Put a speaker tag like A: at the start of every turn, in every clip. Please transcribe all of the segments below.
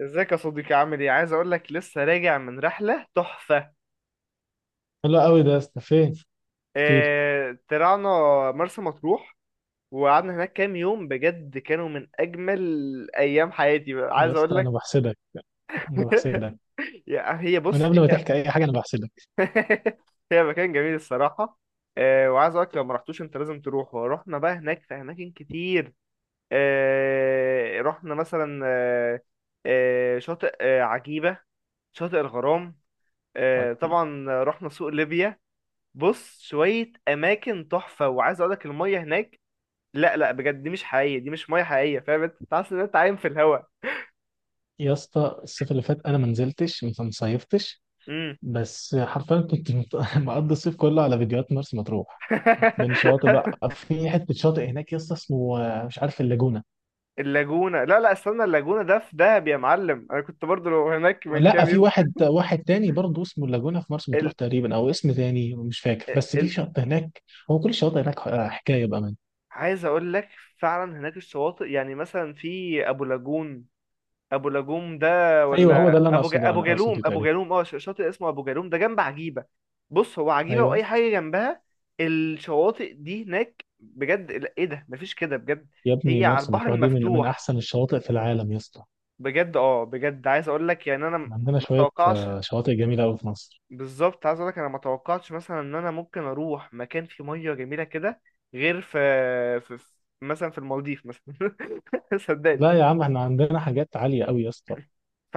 A: ازيك يا صديقي، عامل ايه؟ عايز اقول لك، لسه راجع من رحله تحفه.
B: حلو قوي ده يا اسطى، فين؟ احكي لي
A: اه طلعنا مرسى مطروح. وقعدنا هناك كام يوم، بجد كانوا من اجمل ايام حياتي بقى.
B: يا
A: عايز اقول
B: اسطى، انا
A: لك.
B: بحسدك. انا بحسدك.
A: هي
B: من
A: بص
B: قبل ما
A: هي.
B: تحكي اي حاجه انا بحسدك.
A: هي مكان جميل الصراحه. اه وعايز اقول لك، لو ما رحتوش انت لازم تروح. ورحنا بقى هناك في اماكن كتير. اه رحنا مثلا اه. اه شاطئ عجيبه، شاطئ الغرام. اه
B: ودي
A: طبعا رحنا سوق ليبيا. بص، شوية أماكن تحفة، وعايز أقولك المية هناك. لا، لا، بجد دي مش حقيقية، دي مش مية حقيقية، فاهم؟ أنت حاسس إن أنت عايم في الهوا.
B: يا اسطى. الصيف اللي فات انا ما نزلتش ما صيفتش،
A: امم.
B: بس حرفيا كنت مقضي الصيف كله على فيديوهات مرسى مطروح. من شاطئ بقى، في حته شاطئ هناك يا اسطى اسمه مش عارف، اللاجونه.
A: اللاجونة؟ لا لا، استنى، اللاجونة ده في دهب يا معلم، أنا كنت برضو هناك من
B: لا،
A: كام
B: في
A: يوم.
B: واحد واحد تاني برضه اسمه اللاجونه في مرسى مطروح
A: ال...
B: تقريبا، او اسم تاني مش فاكر، بس في
A: ال...
B: شاطئ هناك. هو كل الشواطئ هناك حكايه بامان.
A: عايز أقولك، فعلا هناك الشواطئ، يعني مثلا في أبو لاجون، ابو لاجوم ده،
B: ايوه هو
A: ولا
B: ده اللي انا اقصده،
A: ابو
B: انا
A: جالوم.
B: اقصده تقريبا.
A: شاطئ اسمه ابو جالوم، ده جنب عجيبه. بص، هو عجيبه واي
B: ايوه.
A: حاجه جنبها، الشواطئ دي هناك بجد. لا، ايه ده، مفيش كده بجد.
B: يا ابني
A: هي على
B: مرسى
A: البحر
B: مطروح دي من
A: المفتوح.
B: احسن الشواطئ في العالم يا اسطى.
A: بجد، بجد عايز اقول لك، يعني انا
B: إحنا عندنا
A: ما
B: شويه
A: توقعش.
B: شواطئ جميله قوي في مصر.
A: بالظبط، عايز اقول لك، انا ما توقعتش مثلا ان انا ممكن اروح مكان فيه ميه جميله كده، غير في مثلا، في المالديف مثلا. صدقني.
B: لا يا عم، احنا عندنا حاجات عاليه قوي يا اسطى.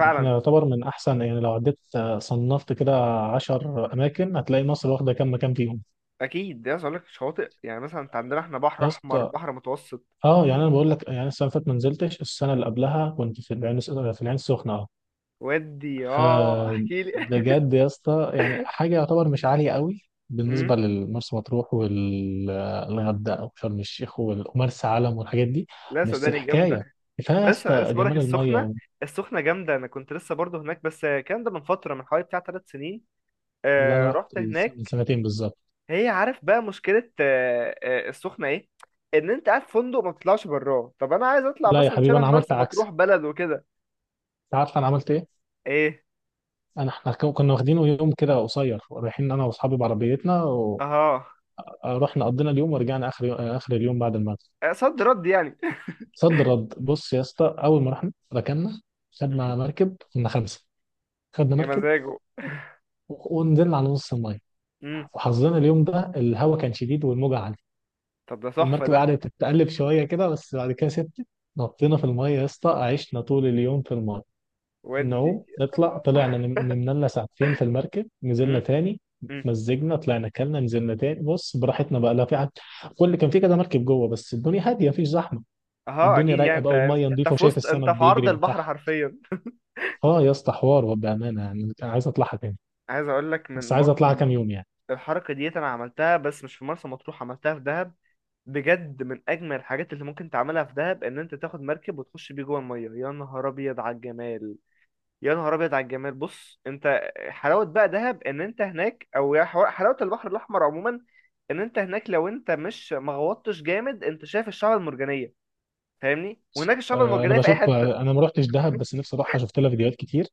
B: يعني احنا يعتبر من احسن. يعني لو عديت صنفت كده عشر اماكن هتلاقي مصر واخده كام مكان فيهم.
A: اكيد ده. عايز اقول لك، شواطئ يعني مثلا، انت عندنا احنا بحر
B: يا
A: احمر،
B: اسطى،
A: بحر متوسط.
B: اه يعني انا بقول لك يعني السنه اللي فاتت ما نزلتش، السنه اللي قبلها كنت في العين، في العين السخنه.
A: ودي اه
B: آه.
A: احكي لي.
B: بجد يا اسطى يعني حاجه يعتبر مش عاليه قوي
A: امم.
B: بالنسبه لمرسى مطروح والغردقه وشرم الشيخ ومرسى علم والحاجات دي.
A: لا،
B: بس
A: صدقني،
B: حكايه.
A: جامده.
B: كفايه يا
A: لسه لسه
B: اسطى
A: بقول لك
B: جمال الميه
A: السخنه.
B: و-
A: السخنه جامده، انا كنت لسه برضه هناك، بس الكلام ده من فتره، من حوالي بتاع 3 سنين.
B: اللي انا
A: آه
B: رحت
A: رحت
B: من
A: هناك.
B: سنتين بالظبط.
A: هي عارف بقى مشكله آه آه السخنه ايه؟ ان انت قاعد في فندق، ما بتطلعش براه. طب انا عايز اطلع
B: لا يا
A: مثلا
B: حبيبي
A: شبه
B: انا عملت
A: مرسى مطروح،
B: عكس.
A: بلد وكده.
B: انت عارف انا عملت ايه؟
A: ايه.
B: انا احنا كنا واخدين يوم كده قصير رايحين انا واصحابي بعربيتنا،
A: اها.
B: ورحنا قضينا اليوم ورجعنا اخر يوم، اخر اليوم بعد المغرب.
A: آه، صد رد يعني.
B: صد رد. بص يا اسطى، اول ما رحنا ركننا،
A: مم.
B: خدنا مركب كنا خمسه. خدنا
A: يا
B: مركب
A: مزاجه.
B: ونزلنا على نص الميه،
A: امم.
B: وحظنا اليوم ده الهواء كان شديد والموجه عاليه.
A: طب ده تحفه
B: المركب
A: ده.
B: قعدت تتقلب شويه كده بس بعد كده سبت. نطينا في الميه يا اسطى، عشنا طول اليوم في الميه،
A: ودي.
B: نعوم نطلع. طلعنا نمنا لنا ساعتين في المركب، نزلنا
A: مم.
B: تاني.
A: مم.
B: مزجنا، طلعنا كلنا، نزلنا تاني. بص براحتنا بقى، لا في حد. كل كان في كده مركب جوه بس الدنيا هاديه، مفيش زحمه.
A: اه
B: والدنيا
A: اكيد، يعني
B: رايقه بقى، والميه نظيفه، وشايف
A: انت
B: السمك
A: في عرض
B: بيجري من
A: البحر
B: تحت.
A: حرفيا.
B: اه يا اسطى حوار، وبامانه يعني عايز اطلعها تاني،
A: عايز اقول لك،
B: بس
A: من
B: عايز
A: برضو
B: اطلعها كام يوم يعني.
A: الحركه ديت انا عملتها، بس مش في مرسى مطروح، عملتها في دهب. بجد من اجمل الحاجات اللي ممكن تعملها في دهب، ان انت تاخد مركب وتخش بيه جوه الميه، يا نهار ابيض على الجمال. يا نهار ابيض على الجمال، بص انت حلاوه بقى دهب ان انت هناك، او حلاوه البحر الاحمر عموما. ان انت هناك، لو انت مش مغوطتش جامد، انت شايف الشعب المرجانيه، فاهمني؟ وهناك الشعب
B: انا
A: المرجانيه في اي
B: بشوف.
A: حته.
B: انا ما رحتش دهب بس نفسي اروحها، شفت لها فيديوهات كتير.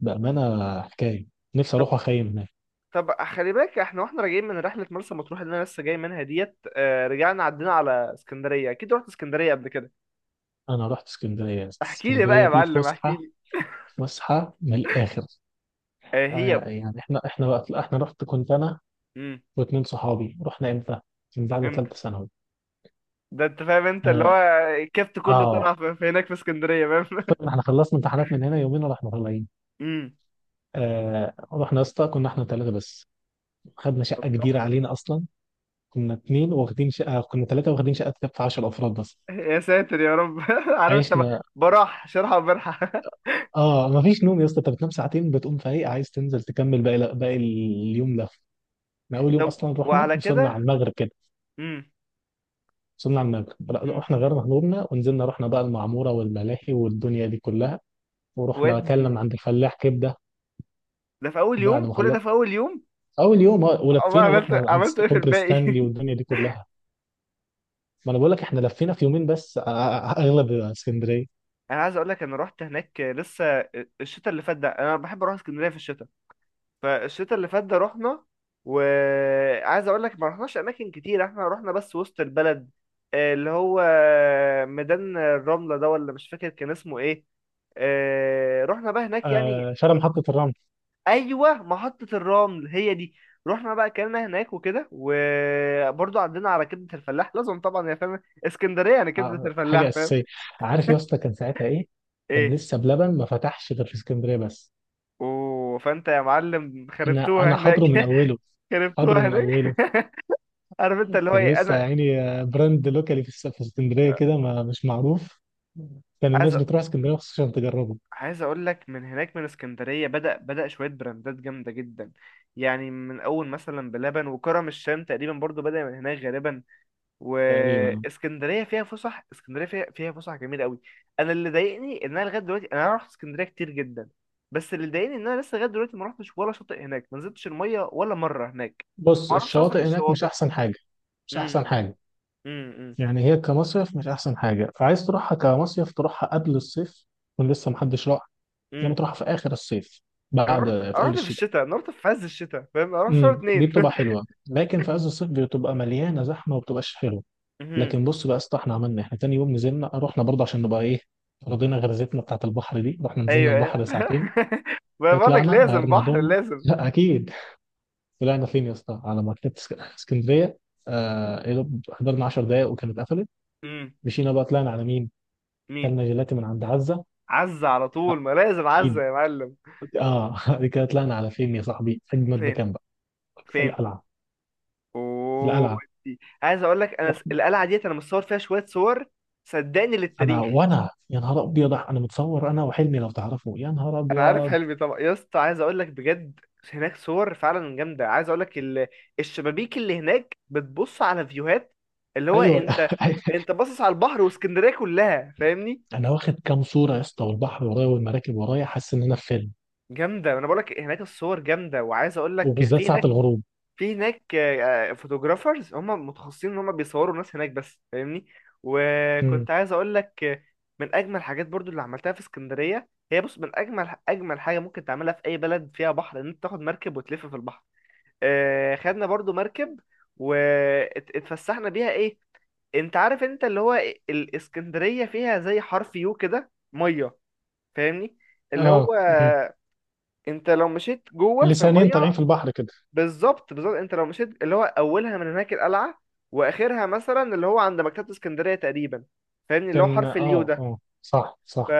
B: بامانه حكايه. نفسي
A: طب
B: اروح واخيم هناك.
A: طب خلي بالك، احنا واحنا راجعين من رحلة مرسى مطروح اللي انا لسه جاي منها ديت، آه، رجعنا عدينا على اسكندرية، اكيد رحت اسكندرية قبل كده.
B: انا رحت اسكندريه،
A: احكي لي بقى
B: اسكندريه
A: يا
B: دي
A: معلم، احكي
B: فسحه.
A: لي.
B: فسحه من الاخر.
A: آه، هي.
B: يعني احنا وقت احنا رحت كنت انا
A: امم
B: واثنين صحابي. رحنا امتى؟ من بعد
A: امتى؟
B: ثالثه ثانوي.
A: ده انت فاهم، انت اللي هو
B: اه.
A: الكبت كله
B: آه،
A: طلع في هناك، في اسكندرية، فاهم؟
B: طيب، احنا خلصنا امتحانات من هنا يومين ورحنا طالعين.
A: امم.
B: آه رحنا يا اسطى كنا احنا ثلاثه بس. خدنا
A: طب
B: شقه كبيره
A: تحفة.
B: علينا اصلا. كنا اثنين واخدين شقه، كنا ثلاثه واخدين شقه تكفي 10 افراد بس.
A: يا ساتر يا رب. عارف انت
B: عشنا.
A: براح شرحة وبرحة.
B: اه، مفيش نوم يا اسطى. انت بتنام ساعتين بتقوم فايق عايز تنزل تكمل باقي اليوم ده. احنا اول يوم
A: طب.
B: اصلا رحنا
A: وعلى
B: وصلنا على
A: كده.
B: المغرب كده.
A: امم.
B: وصلنا على المغرب، لا،
A: امم.
B: احنا غيرنا هدومنا ونزلنا، رحنا بقى المعموره والملاهي والدنيا دي كلها. ورحنا اكلنا
A: ودي.
B: من عند الفلاح كبده.
A: ده في اول
B: وبعد
A: يوم،
B: ما
A: كل ده
B: خلصنا
A: في اول يوم.
B: اول يوم،
A: أما
B: ولفينا
A: عملت
B: ورحنا عند
A: عملت ايه في
B: كوبري
A: الباقي؟
B: ستانلي والدنيا دي كلها. ما انا بقول لك احنا لفينا في يومين بس. اغلب اسكندريه.
A: انا عايز اقول لك، انا رحت هناك لسه. الشتاء اللي فات ده، انا بحب اروح اسكندريه في الشتاء. فالشتاء اللي فات ده رحنا. وعايز اقول لك، ما رحناش اماكن كتير، احنا رحنا بس وسط البلد. آه، اللي هو ميدان الرمله ده، ولا مش فاكر كان اسمه ايه. آه، رحنا بقى هناك يعني.
B: شارع محطه الرمل.
A: ايوه محطه الرمل هي دي. رحنا بقى اكلنا هناك وكده، وبرضه عدينا على كبده الفلاح، لازم طبعا يا فاهم. اسكندريه يعني كبده
B: حاجه
A: الفلاح فاهم.
B: اساسيه. عارف يا اسطى كان ساعتها ايه؟ كان
A: ايه.
B: لسه بلبن ما فتحش غير في اسكندريه بس.
A: اوه، فانت يا معلم
B: انا
A: خربتوها
B: انا
A: هناك.
B: حاضره من اوله، حاضره
A: خربتوها
B: من
A: هناك.
B: اوله.
A: عارف انت اللي هو
B: كان
A: ايه
B: لسه
A: انا.
B: يعني براند لوكالي في في اسكندريه كده، ما مش معروف. كان
A: عايز
B: الناس
A: أ-
B: بتروح اسكندريه مخصوص عشان تجربه.
A: عايز اقول لك، من هناك من اسكندريه بدا شويه براندات جامده جدا. يعني من اول مثلا بلبن وكرم الشام تقريبا، برضو بدا من هناك غالبا.
B: تقريبا.
A: واسكندريه فيها فسح، اسكندريه فيها فسح جميله قوي. انا اللي ضايقني ان انا لغايه دلوقتي انا رحت اسكندريه كتير جدا. بس اللي ضايقني ان انا لسه لغايه دلوقتي ما رحتش ولا شاطئ هناك، ما نزلتش الميه ولا مره هناك.
B: بص
A: ما اعرفش اصلا ايه
B: الشواطئ هناك مش
A: الشواطئ.
B: احسن حاجه. مش احسن
A: امم.
B: حاجه.
A: امم. امم.
B: يعني هي كمصيف مش احسن حاجه، فعايز تروحها كمصيف تروحها قبل الصيف يكون لسه محدش راح، يا اما
A: امم.
B: تروحها في اخر الصيف
A: انا
B: بعد.
A: رحت
B: في اول
A: رحت في
B: الشتاء.
A: الشتاء، انا رحت في عز الشتاء فاهم، انا رحت شهر
B: امم، دي
A: اتنين.
B: بتبقى حلوه لكن في عز الصيف بتبقى مليانه زحمه وبتبقاش حلوه.
A: امم.
B: لكن بص بقى يا اسطى، احنا عملنا احنا تاني يوم نزلنا، رحنا برضه عشان نبقى ايه، رضينا غرزتنا بتاعت البحر دي، رحنا نزلنا
A: ايوه ايوه.
B: البحر ساعتين.
A: ما بقول لك،
B: طلعنا
A: لازم
B: غيرنا
A: بحر
B: هدومنا
A: لازم.
B: لا اكيد. طلعنا فين يا اسطى؟ على مكتبة اسكندريه. آه إيه ده، حضرنا 10 دقايق وكانت قفلت.
A: امم.
B: مشينا بقى، طلعنا على مين؟
A: مين؟
B: كلنا جيلاتي من عند عزه.
A: عزة على
B: لا،
A: طول، ما لازم عزة
B: اكيد.
A: يا معلم.
B: اه دي كده طلعنا على فين يا صاحبي؟ اجمد
A: فين؟
B: مكان بقى.
A: فين؟
B: القلعه.
A: اوه
B: القلعه
A: ودي. عايز اقول لك، انا
B: صاحبي،
A: القلعه ديت انا مصور فيها شويه صور. صدقني
B: انا
A: للتاريخ.
B: وانا يا نهار ابيض، انا متصور انا وحلمي لو تعرفوا، يا نهار
A: انا عارف
B: ابيض.
A: حلمي طبعا يا اسطى، عايز اقول لك بجد، هناك صور فعلا جامده. عايز اقول لك الشبابيك اللي هناك بتبص على فيوهات، اللي هو
B: ايوه
A: انت انت باصص على البحر واسكندريه كلها فاهمني.
B: انا واخد كام صوره يا اسطى والبحر ورايا والمراكب ورايا، حاسس ان انا في فيلم.
A: جامده، انا بقول لك هناك الصور جامده. وعايز اقول لك
B: وبالذات
A: في
B: ساعه
A: هناك،
B: الغروب.
A: في هناك فوتوغرافرز، هم متخصصين ان هم بيصوروا الناس هناك بس، فاهمني.
B: امم.
A: وكنت عايز اقول لك، من اجمل الحاجات برضو اللي عملتها في اسكندريه، هي بص، من اجمل اجمل حاجه ممكن تعملها في اي بلد فيها بحر، ان انت تاخد مركب وتلف في البحر. آه، خدنا برضو مركب واتفسحنا بيها ايه. انت عارف انت اللي هو إيه؟ الاسكندرية فيها زي حرف يو كده مية، فاهمني؟ اللي هو
B: اه امم.
A: انت لو مشيت جوه في
B: لسانين طالعين
A: المية.
B: في البحر كده.
A: بالظبط، بالظبط، انت لو مشيت اللي هو اولها من هناك القلعة، واخرها مثلا اللي هو عند مكتبة اسكندرية تقريبا، فاهمني؟ اللي هو
B: كان
A: حرف اليو
B: اه
A: ده.
B: اه صح
A: ف...
B: صح.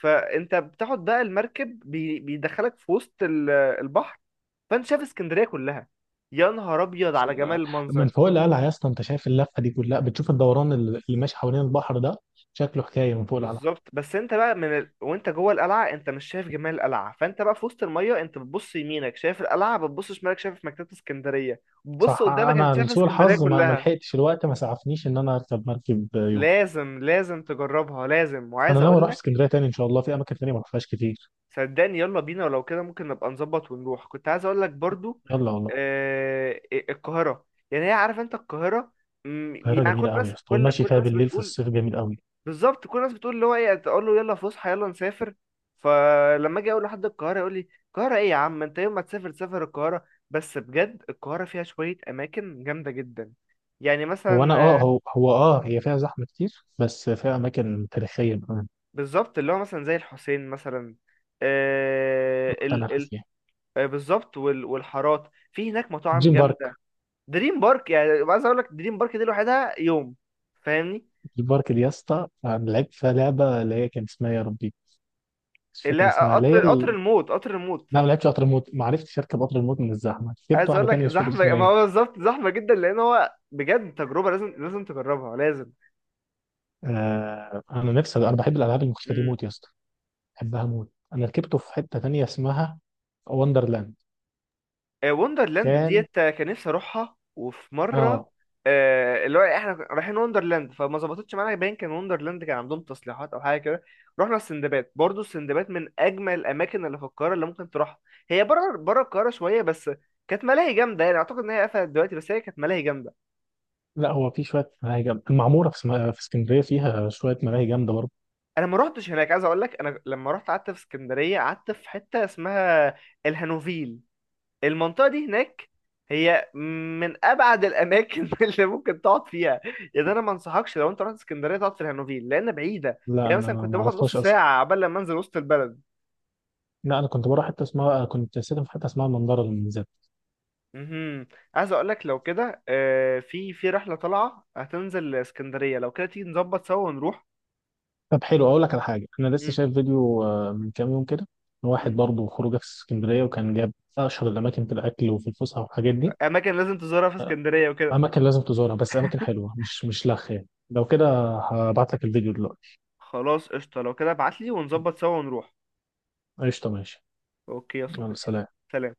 A: فانت بتاخد بقى المركب بيدخلك في وسط البحر، فانت شايف اسكندريه كلها، يا نهار ابيض على جمال
B: من
A: المنظر.
B: فوق القلعه يا اسطى انت شايف اللفه دي كلها، بتشوف الدوران اللي ماشي حوالين البحر ده. شكله حكايه من فوق القلعه.
A: بالظبط، بس انت بقى وانت جوه القلعه انت مش شايف جمال القلعه، فانت بقى في وسط الميه، انت بتبص يمينك شايف القلعه، بتبص شمالك شايف مكتبه اسكندريه، بتبص
B: صح.
A: قدامك انت
B: انا
A: شايف
B: لسوء
A: اسكندريه
B: الحظ ما
A: كلها.
B: لحقتش الوقت، ما سعفنيش ان انا اركب مركب يوم.
A: لازم لازم تجربها لازم،
B: انا
A: وعايز
B: ناوي
A: اقول
B: اروح
A: لك
B: اسكندريه تاني ان شاء الله، في اماكن تانيه ما رحتهاش كتير.
A: صدقني، يلا بينا، ولو كده ممكن نبقى نظبط ونروح. كنت عايز اقول لك برضو
B: يلا والله.
A: القاهره. يعني هي عارف انت القاهره،
B: القاهره
A: يعني كل
B: جميله قوي يا
A: الناس،
B: اسطى،
A: كل
B: والمشي
A: كل
B: فيها
A: الناس
B: بالليل في
A: بتقول.
B: الصيف جميل قوي.
A: بالظبط، كل الناس بتقول اللي هو ايه، تقول له يلا فسحه، يلا نسافر. فلما اجي اقول لحد القاهره، يقول لي القاهره ايه يا عم انت، يوم ما تسافر تسافر القاهره. بس بجد القاهره فيها شويه اماكن جامده جدا. يعني
B: هو انا
A: مثلا. آه،
B: اه هو هو اه هي فيها زحمه كتير بس فيها اماكن تاريخيه كمان.
A: بالظبط، اللي هو مثلا زي الحسين مثلا. آه
B: رحت انا
A: ال ال
B: فيها.
A: آه، بالظبط، والحارات في هناك مطاعم
B: دريم بارك.
A: جامده. دريم بارك، يعني عايز اقول لك دريم بارك دي لوحدها يوم، فاهمني؟
B: دريم بارك دي يا اسطى أنا لعبت فيها لعبه اللي هي كان اسمها، يا ربي مش فاكر
A: لا،
B: اسمها، اللي هي
A: قطر
B: ال-.
A: الموت قطر الموت.
B: لا ما لعبتش قطر الموت، ما عرفتش اركب قطر الموت من الزحمه، جبت
A: عايز اقول
B: واحده
A: لك
B: تانيه مش فاكر
A: زحمه،
B: اسمها
A: ما
B: ايه.
A: هو بالظبط زحمه جدا، لان هو بجد تجربه لازم، لازم تجربها لازم.
B: آه انا نفسي، انا بحب الالعاب المختلفه دي
A: امم.
B: موت يا اسطى، بحبها موت. انا ركبته في حته تانيه اسمها وندرلاند.
A: آه، وندرلاند
B: كان
A: ديت، كان نفسي اروحها، وفي مره.
B: اه.
A: آه، اللي هو احنا رايحين وندرلاند، فما ظبطتش معانا، باين كان وندرلاند كان عندهم تصليحات او حاجه كده. رحنا السندباد، برضو السندباد من اجمل الاماكن اللي في القاهره اللي ممكن تروحها. هي بره بره القاهره شويه بس، كانت ملاهي جامده. يعني اعتقد ان هي قفلت دلوقتي، بس هي كانت ملاهي جامده.
B: لا هو في شويه ملاهي جامده، المعموره في في اسكندريه فيها شويه ملاهي جامده برضه.
A: انا ما روحتش هناك. عايز اقول لك انا لما رحت قعدت في اسكندريه، قعدت في حته اسمها الهانوفيل. المنطقة دي هناك هي من أبعد الأماكن اللي ممكن تقعد فيها. يعني أنا ما أنصحكش لو أنت رحت اسكندرية تقعد في الهانوفيل لأن بعيدة،
B: لا
A: يعني
B: انا
A: مثلا كنت
B: ما
A: باخد نص
B: اعرفهاش اصلا.
A: ساعة عبال لما أنزل وسط البلد.
B: لا انا كنت بروح حته اسمها، كنت ساكن في حته اسمها المنظره للمنزل.
A: مهم. عايز أقول لك لو كده، آه، في رحلة طالعة هتنزل اسكندرية، لو كده تيجي نظبط سوا ونروح.
B: طب حلو، اقول لك على حاجه. انا لسه
A: مم.
B: شايف فيديو من كام يوم كده، واحد
A: مم.
B: برضه خروجه في اسكندريه وكان جاب اشهر الاماكن في الاكل وفي الفسحه والحاجات دي.
A: أماكن لازم تزورها في اسكندرية وكده.
B: اماكن لازم تزورها، بس اماكن حلوه مش لخ يعني. لو كده هبعت لك الفيديو دلوقتي.
A: خلاص قشطة، لو كده ابعتلي ونظبط سوا ونروح.
B: قشطه ماشي.
A: أوكي يا
B: يلا
A: صديقي،
B: سلام.
A: سلام.